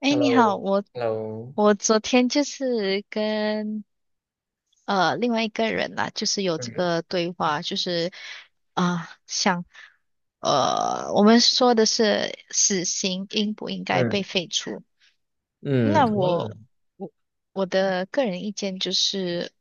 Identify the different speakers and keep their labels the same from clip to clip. Speaker 1: 哎，你好，我
Speaker 2: Hello，Hello。
Speaker 1: 我昨天就是跟另外一个人啦，就是有这
Speaker 2: 嗯
Speaker 1: 个对话，就是啊、我们说的是死刑应不应该被
Speaker 2: 嗯
Speaker 1: 废除？
Speaker 2: 嗯。
Speaker 1: 那
Speaker 2: 忘了。
Speaker 1: 我我我的个人意见就是，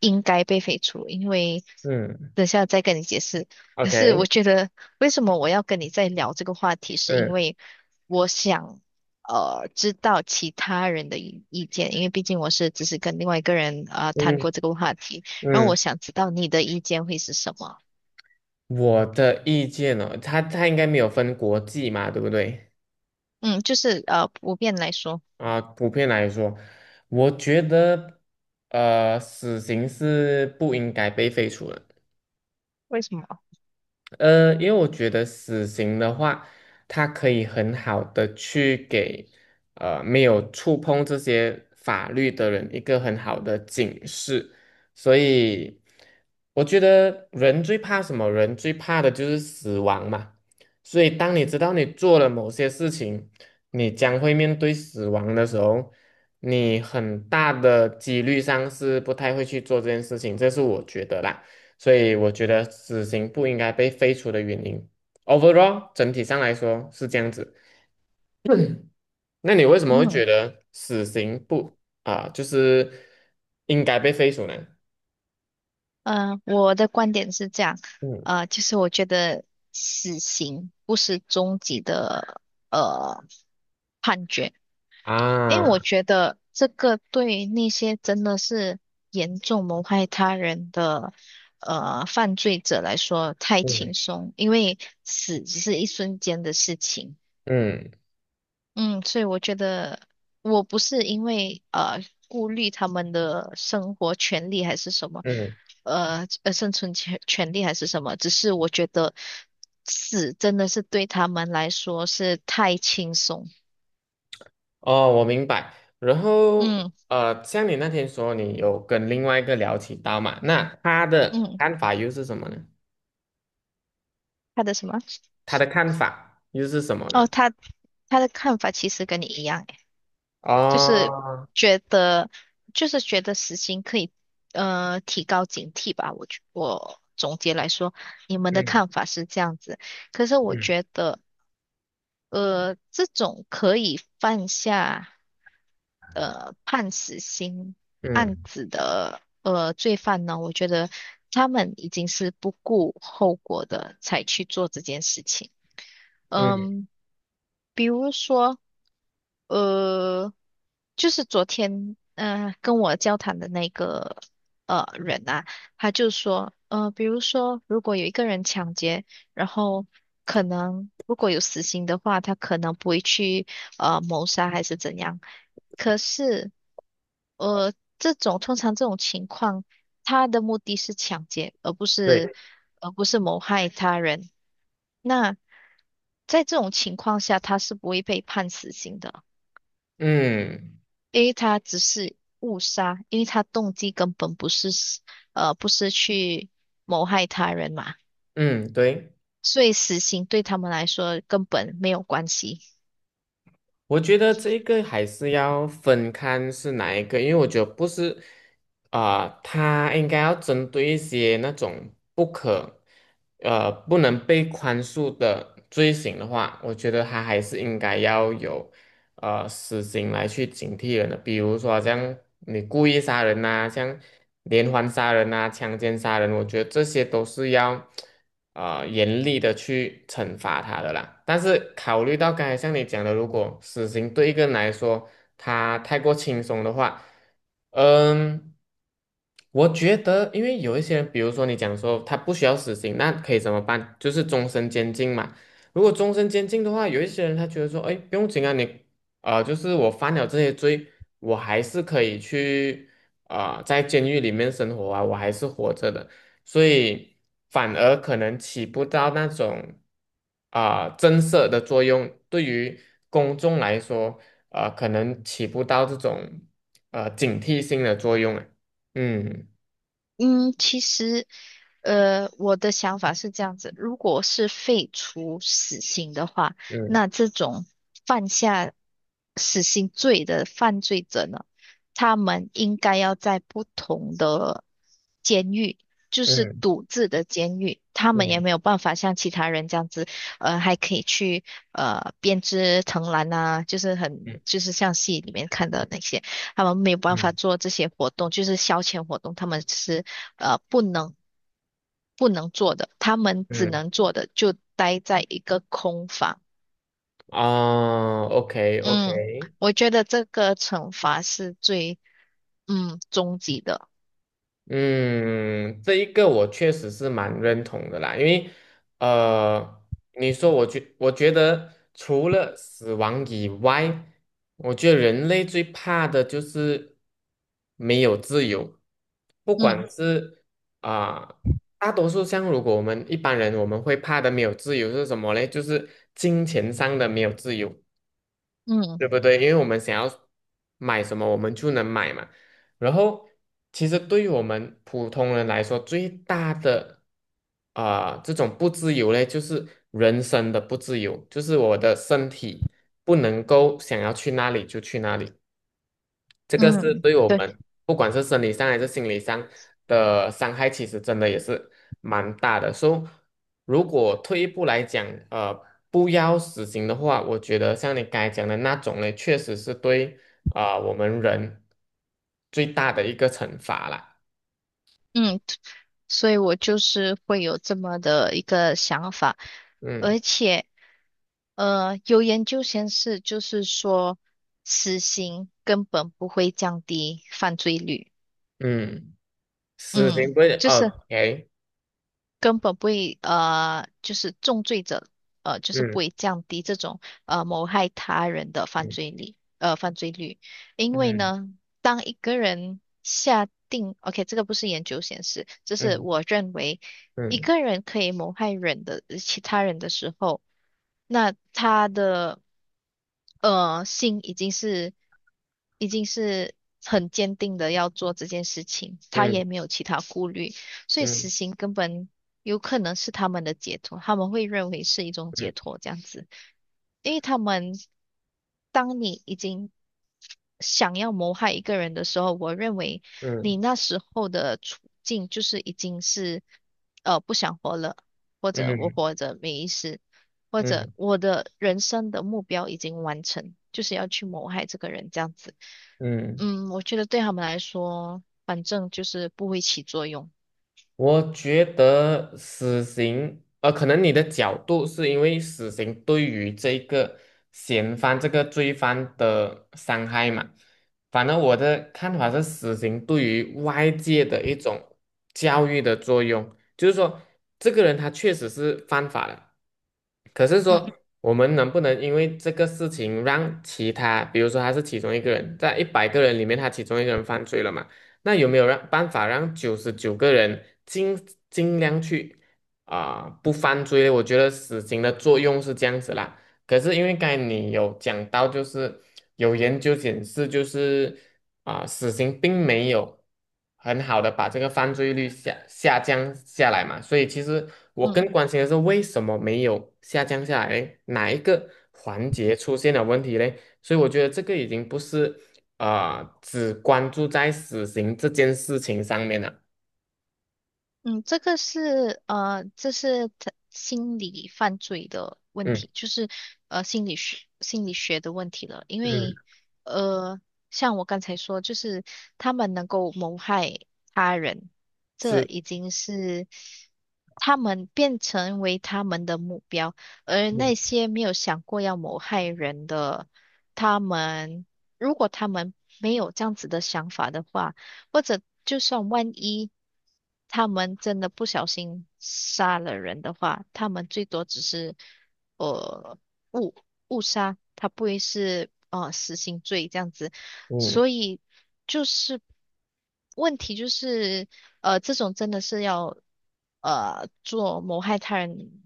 Speaker 1: 应该被废除，因为
Speaker 2: 嗯
Speaker 1: 等下再跟你解释。可是我
Speaker 2: ，OK。
Speaker 1: 觉得，为什么我要跟你再聊这个话题，是因
Speaker 2: 嗯
Speaker 1: 为我想知道其他人的意见，因为毕竟我只是跟另外一个人啊谈
Speaker 2: 嗯
Speaker 1: 过这个话题，然后我
Speaker 2: 嗯。
Speaker 1: 想知道你的意见会是什么。
Speaker 2: 我的意见呢、哦它应该没有分国际嘛，对不对？
Speaker 1: 嗯，就是普遍来说，
Speaker 2: 啊，普遍来说，我觉得死刑是不应该被废除的。
Speaker 1: 为什么？
Speaker 2: 因为我觉得死刑的话，它可以很好的去给没有触碰这些法律的人一个很好的警示。所以我觉得人最怕什么？人最怕的就是死亡嘛。所以当你知道你做了某些事情，你将会面对死亡的时候，你很大的几率上是不太会去做这件事情，这是我觉得啦。所以我觉得死刑不应该被废除的原因，overall 整体上来说是这样子。那你为什么会
Speaker 1: 嗯
Speaker 2: 觉得死刑不啊、就是应该被废除呢？
Speaker 1: 我的观点是这样，
Speaker 2: 嗯
Speaker 1: 就是我觉得死刑不是终极的。呃因为我
Speaker 2: 啊。
Speaker 1: 觉得这个对那些真的是严重谋害他人的犯罪者来说太
Speaker 2: 嗯
Speaker 1: 轻松，因为死只是一瞬间的事情。
Speaker 2: 嗯
Speaker 1: 嗯，所以我觉得我不是因为顾虑他们的生活权利还是什么，
Speaker 2: 嗯。
Speaker 1: 生存权利还是什么，只是我觉得死真的是对他们来说是太轻松。
Speaker 2: 哦，我明白。然后
Speaker 1: 嗯
Speaker 2: 像你那天说你有跟另外一个聊起刀嘛，那他的
Speaker 1: 嗯，
Speaker 2: 看法又是什么呢？
Speaker 1: 他的什么？
Speaker 2: 他的看法又是什么呢？
Speaker 1: 哦，他的看法其实跟你一样，诶，就是
Speaker 2: 哦。
Speaker 1: 觉得死刑可以提高警惕吧。我总结来说，你们的
Speaker 2: 嗯
Speaker 1: 看法是这样子，可是我
Speaker 2: 嗯
Speaker 1: 觉得这种可以犯下判死刑案
Speaker 2: 嗯
Speaker 1: 子的罪犯呢，我觉得他们已经是不顾后果的才去做这件事情。
Speaker 2: 嗯，
Speaker 1: 嗯，比如说，呃，就是昨天，跟我交谈的那个人啊，他就说，比如说，如果有一个人抢劫，然后可能如果有死刑的话，他可能不会去谋杀还是怎样，可是，呃，通常这种情况，他的目的是抢劫，
Speaker 2: 对。
Speaker 1: 而不是谋害他人。那在这种情况下，他是不会被判死刑的，
Speaker 2: 嗯。
Speaker 1: 因为他只是误杀，因为他动机根本不是去谋害他人嘛，
Speaker 2: 嗯，对，
Speaker 1: 所以死刑对他们来说根本没有关系。
Speaker 2: 我觉得这个还是要分看是哪一个，因为我觉得不是他应该要针对一些那种不能被宽恕的罪行的话，我觉得他还是应该要有死刑来去警惕人的。比如说像你故意杀人呐、像连环杀人呐、强奸杀人，我觉得这些都是要严厉的去惩罚他的啦。但是考虑到刚才像你讲的，如果死刑对一个人来说他太过轻松的话，嗯，我觉得因为有一些人，比如说你讲说他不需要死刑，那可以怎么办？就是终身监禁嘛。如果终身监禁的话，有一些人他觉得说，哎，不用紧啊，就是我犯了这些罪，我还是可以去在监狱里面生活啊，我还是活着的，所以反而可能起不到那种震慑的作用，对于公众来说，可能起不到这种警惕性的作用啊。嗯
Speaker 1: 嗯，其实，我的想法是这样子，如果是废除死刑的话，
Speaker 2: 嗯
Speaker 1: 那这种犯下死刑罪的犯罪者呢，他们应该要在不同的监狱，就是
Speaker 2: 嗯
Speaker 1: 独自的监狱，他们也
Speaker 2: 嗯
Speaker 1: 没有办法像其他人这样子，还可以去编织藤篮啊，就是很
Speaker 2: 嗯
Speaker 1: 就是像戏里面看的那些，他们没有办法
Speaker 2: 嗯
Speaker 1: 做这些活动，就是消遣活动，他们是呃不能不能做的，他们只
Speaker 2: 嗯。
Speaker 1: 能做的就待在一个空房。
Speaker 2: 啊
Speaker 1: 嗯，
Speaker 2: OK。
Speaker 1: 我觉得这个惩罚是最终极的。
Speaker 2: 嗯，这一个我确实是蛮认同的啦，因为呃，你说我觉得除了死亡以外，我觉得人类最怕的就是没有自由，不
Speaker 1: 嗯
Speaker 2: 管是啊、大多数，像如果我们一般人我们会怕的没有自由是什么嘞？就是金钱上的没有自由。
Speaker 1: 嗯
Speaker 2: 对不对？因为我们想要买什么，我们就能买嘛。然后，其实对于我们普通人来说，最大的这种不自由嘞，就是人生的不自由，就是我的身体不能够想要去哪里就去哪里。这个是
Speaker 1: 嗯，
Speaker 2: 对我
Speaker 1: 对，
Speaker 2: 们不管是生理上还是心理上的伤害，其实真的也是蛮大的。所以，如果退一步来讲，呃，不要死刑的话，我觉得像你刚才讲的那种呢，确实是对我们人最大的一个惩罚啦。
Speaker 1: 嗯，所以我就是会有这么的一个想法，
Speaker 2: 嗯
Speaker 1: 而且有研究显示，就是说死刑根本不会降低犯罪率。
Speaker 2: 嗯。死刑
Speaker 1: 嗯，
Speaker 2: 不会
Speaker 1: 就是，
Speaker 2: ，OK。
Speaker 1: 根本不会就是重罪者就是不
Speaker 2: 嗯
Speaker 1: 会降低这种谋害他人的犯
Speaker 2: 嗯
Speaker 1: 罪率呃犯罪率，因为
Speaker 2: 嗯
Speaker 1: 呢，当一个人下定，OK，这个不是研究显示，这是
Speaker 2: 嗯
Speaker 1: 我认为一
Speaker 2: 嗯
Speaker 1: 个人可以谋害其他人的时候。那他的心已经是很坚定的要做这件事情，他
Speaker 2: 嗯
Speaker 1: 也没有其他顾虑，所以死
Speaker 2: 嗯
Speaker 1: 刑根本有可能是他们的解脱，他们会认为是一种解
Speaker 2: 嗯
Speaker 1: 脱这样子，因为当你已经想要谋害一个人的时候，我认为
Speaker 2: 嗯
Speaker 1: 你那时候的处境就是已经是不想活了，或者我
Speaker 2: 嗯
Speaker 1: 活着没意思，或
Speaker 2: 嗯
Speaker 1: 者
Speaker 2: 嗯
Speaker 1: 我的人生的目标已经完成，就是要去谋害这个人这样子。
Speaker 2: 嗯。
Speaker 1: 嗯，我觉得对他们来说，反正就是不会起作用。
Speaker 2: 我觉得死刑，可能你的角度是因为死刑对于这个嫌犯、这个罪犯的伤害嘛。反正我的看法是，死刑对于外界的一种教育的作用，就是说，这个人他确实是犯法了，可是说，
Speaker 1: 嗯
Speaker 2: 我们能不能因为这个事情让其他，比如说他是其中一个人，在100个人里面，他其中一个人犯罪了嘛？那有没有让办法让99个人尽尽量去不犯罪？我觉得死刑的作用是这样子啦。可是因为刚才你有讲到，就是有研究显示，就是死刑并没有很好的把这个犯罪率下降下来嘛，所以其实我更
Speaker 1: 嗯。
Speaker 2: 关心的是为什么没有下降下来嘞哪一个环节出现了问题嘞？所以我觉得这个已经不是只关注在死刑这件事情上面了。
Speaker 1: 嗯，这是他心理犯罪的问
Speaker 2: 嗯
Speaker 1: 题，就是心理学的问题了。因为
Speaker 2: 嗯。
Speaker 1: 呃，像我刚才说，就是他们能够谋害他人，这
Speaker 2: 是。
Speaker 1: 已经是他们变成为他们的目标，而
Speaker 2: 嗯。
Speaker 1: 那些没有想过要谋害人的，他们如果他们没有这样子的想法的话。或者就算万一他们真的不小心杀了人的话，他们最多只是呃误误杀，他不会是死刑罪这样子。
Speaker 2: 嗯
Speaker 1: 所以就是问题就是这种真的是要做谋害他人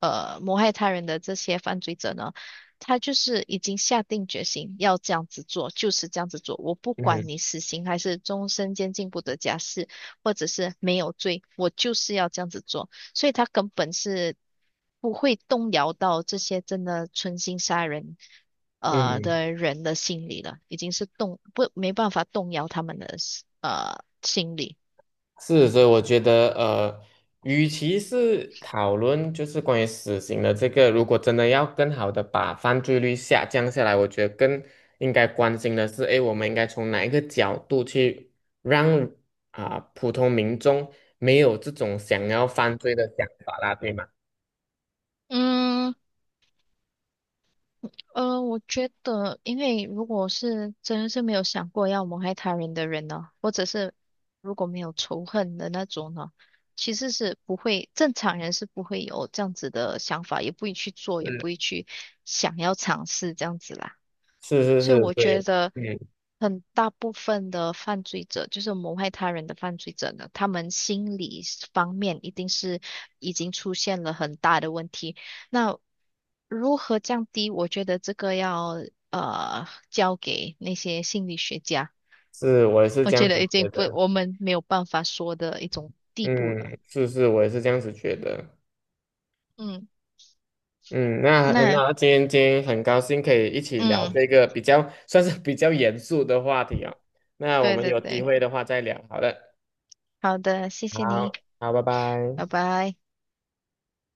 Speaker 1: 呃谋害他人的这些犯罪者呢。他就是已经下定决心要这样子做，就是这样子做。我不管
Speaker 2: 嗯
Speaker 1: 你死刑还是终身监禁不得假释，或者是没有罪，我就是要这样子做。所以他根本是不会动摇到这些真的存心杀人
Speaker 2: 嗯。
Speaker 1: 的人的心理了，已经是动不没办法动摇他们的心理。
Speaker 2: 是，所以我觉得，与其是讨论就是关于死刑的这个，如果真的要更好的把犯罪率下降下来，我觉得更应该关心的是，诶，我们应该从哪一个角度去让普通民众没有这种想要犯罪的想法啦，对吗？
Speaker 1: 嗯。我觉得，因为如果是真的是没有想过要谋害他人的人呢，或者是如果没有仇恨的那种呢，其实是不会，正常人是不会有这样子的想法，也不会去做，也不会去想要尝试这样子啦。
Speaker 2: 是是是
Speaker 1: 所以
Speaker 2: 是，
Speaker 1: 我觉
Speaker 2: 对。
Speaker 1: 得
Speaker 2: 嗯，
Speaker 1: 很大部分的犯罪者，就是谋害他人的犯罪者呢，他们心理方面一定是已经出现了很大的问题。那如何降低？我觉得这个要交给那些心理学家，
Speaker 2: 是，我也是
Speaker 1: 我
Speaker 2: 这样
Speaker 1: 觉
Speaker 2: 子
Speaker 1: 得已
Speaker 2: 觉
Speaker 1: 经不
Speaker 2: 得。
Speaker 1: 我们没有办法说的一种地步了。
Speaker 2: 嗯，是是，我也是这样子觉得。
Speaker 1: 嗯，
Speaker 2: 嗯，那很
Speaker 1: 那
Speaker 2: 好，今天很高兴可以一起聊
Speaker 1: 嗯，
Speaker 2: 这个比较 算是比较严肃的话题哦。那我
Speaker 1: 对
Speaker 2: 们
Speaker 1: 对
Speaker 2: 有机
Speaker 1: 对，
Speaker 2: 会的话再聊，好的。
Speaker 1: 好的，谢谢你，
Speaker 2: 好，好，拜拜。
Speaker 1: 拜拜。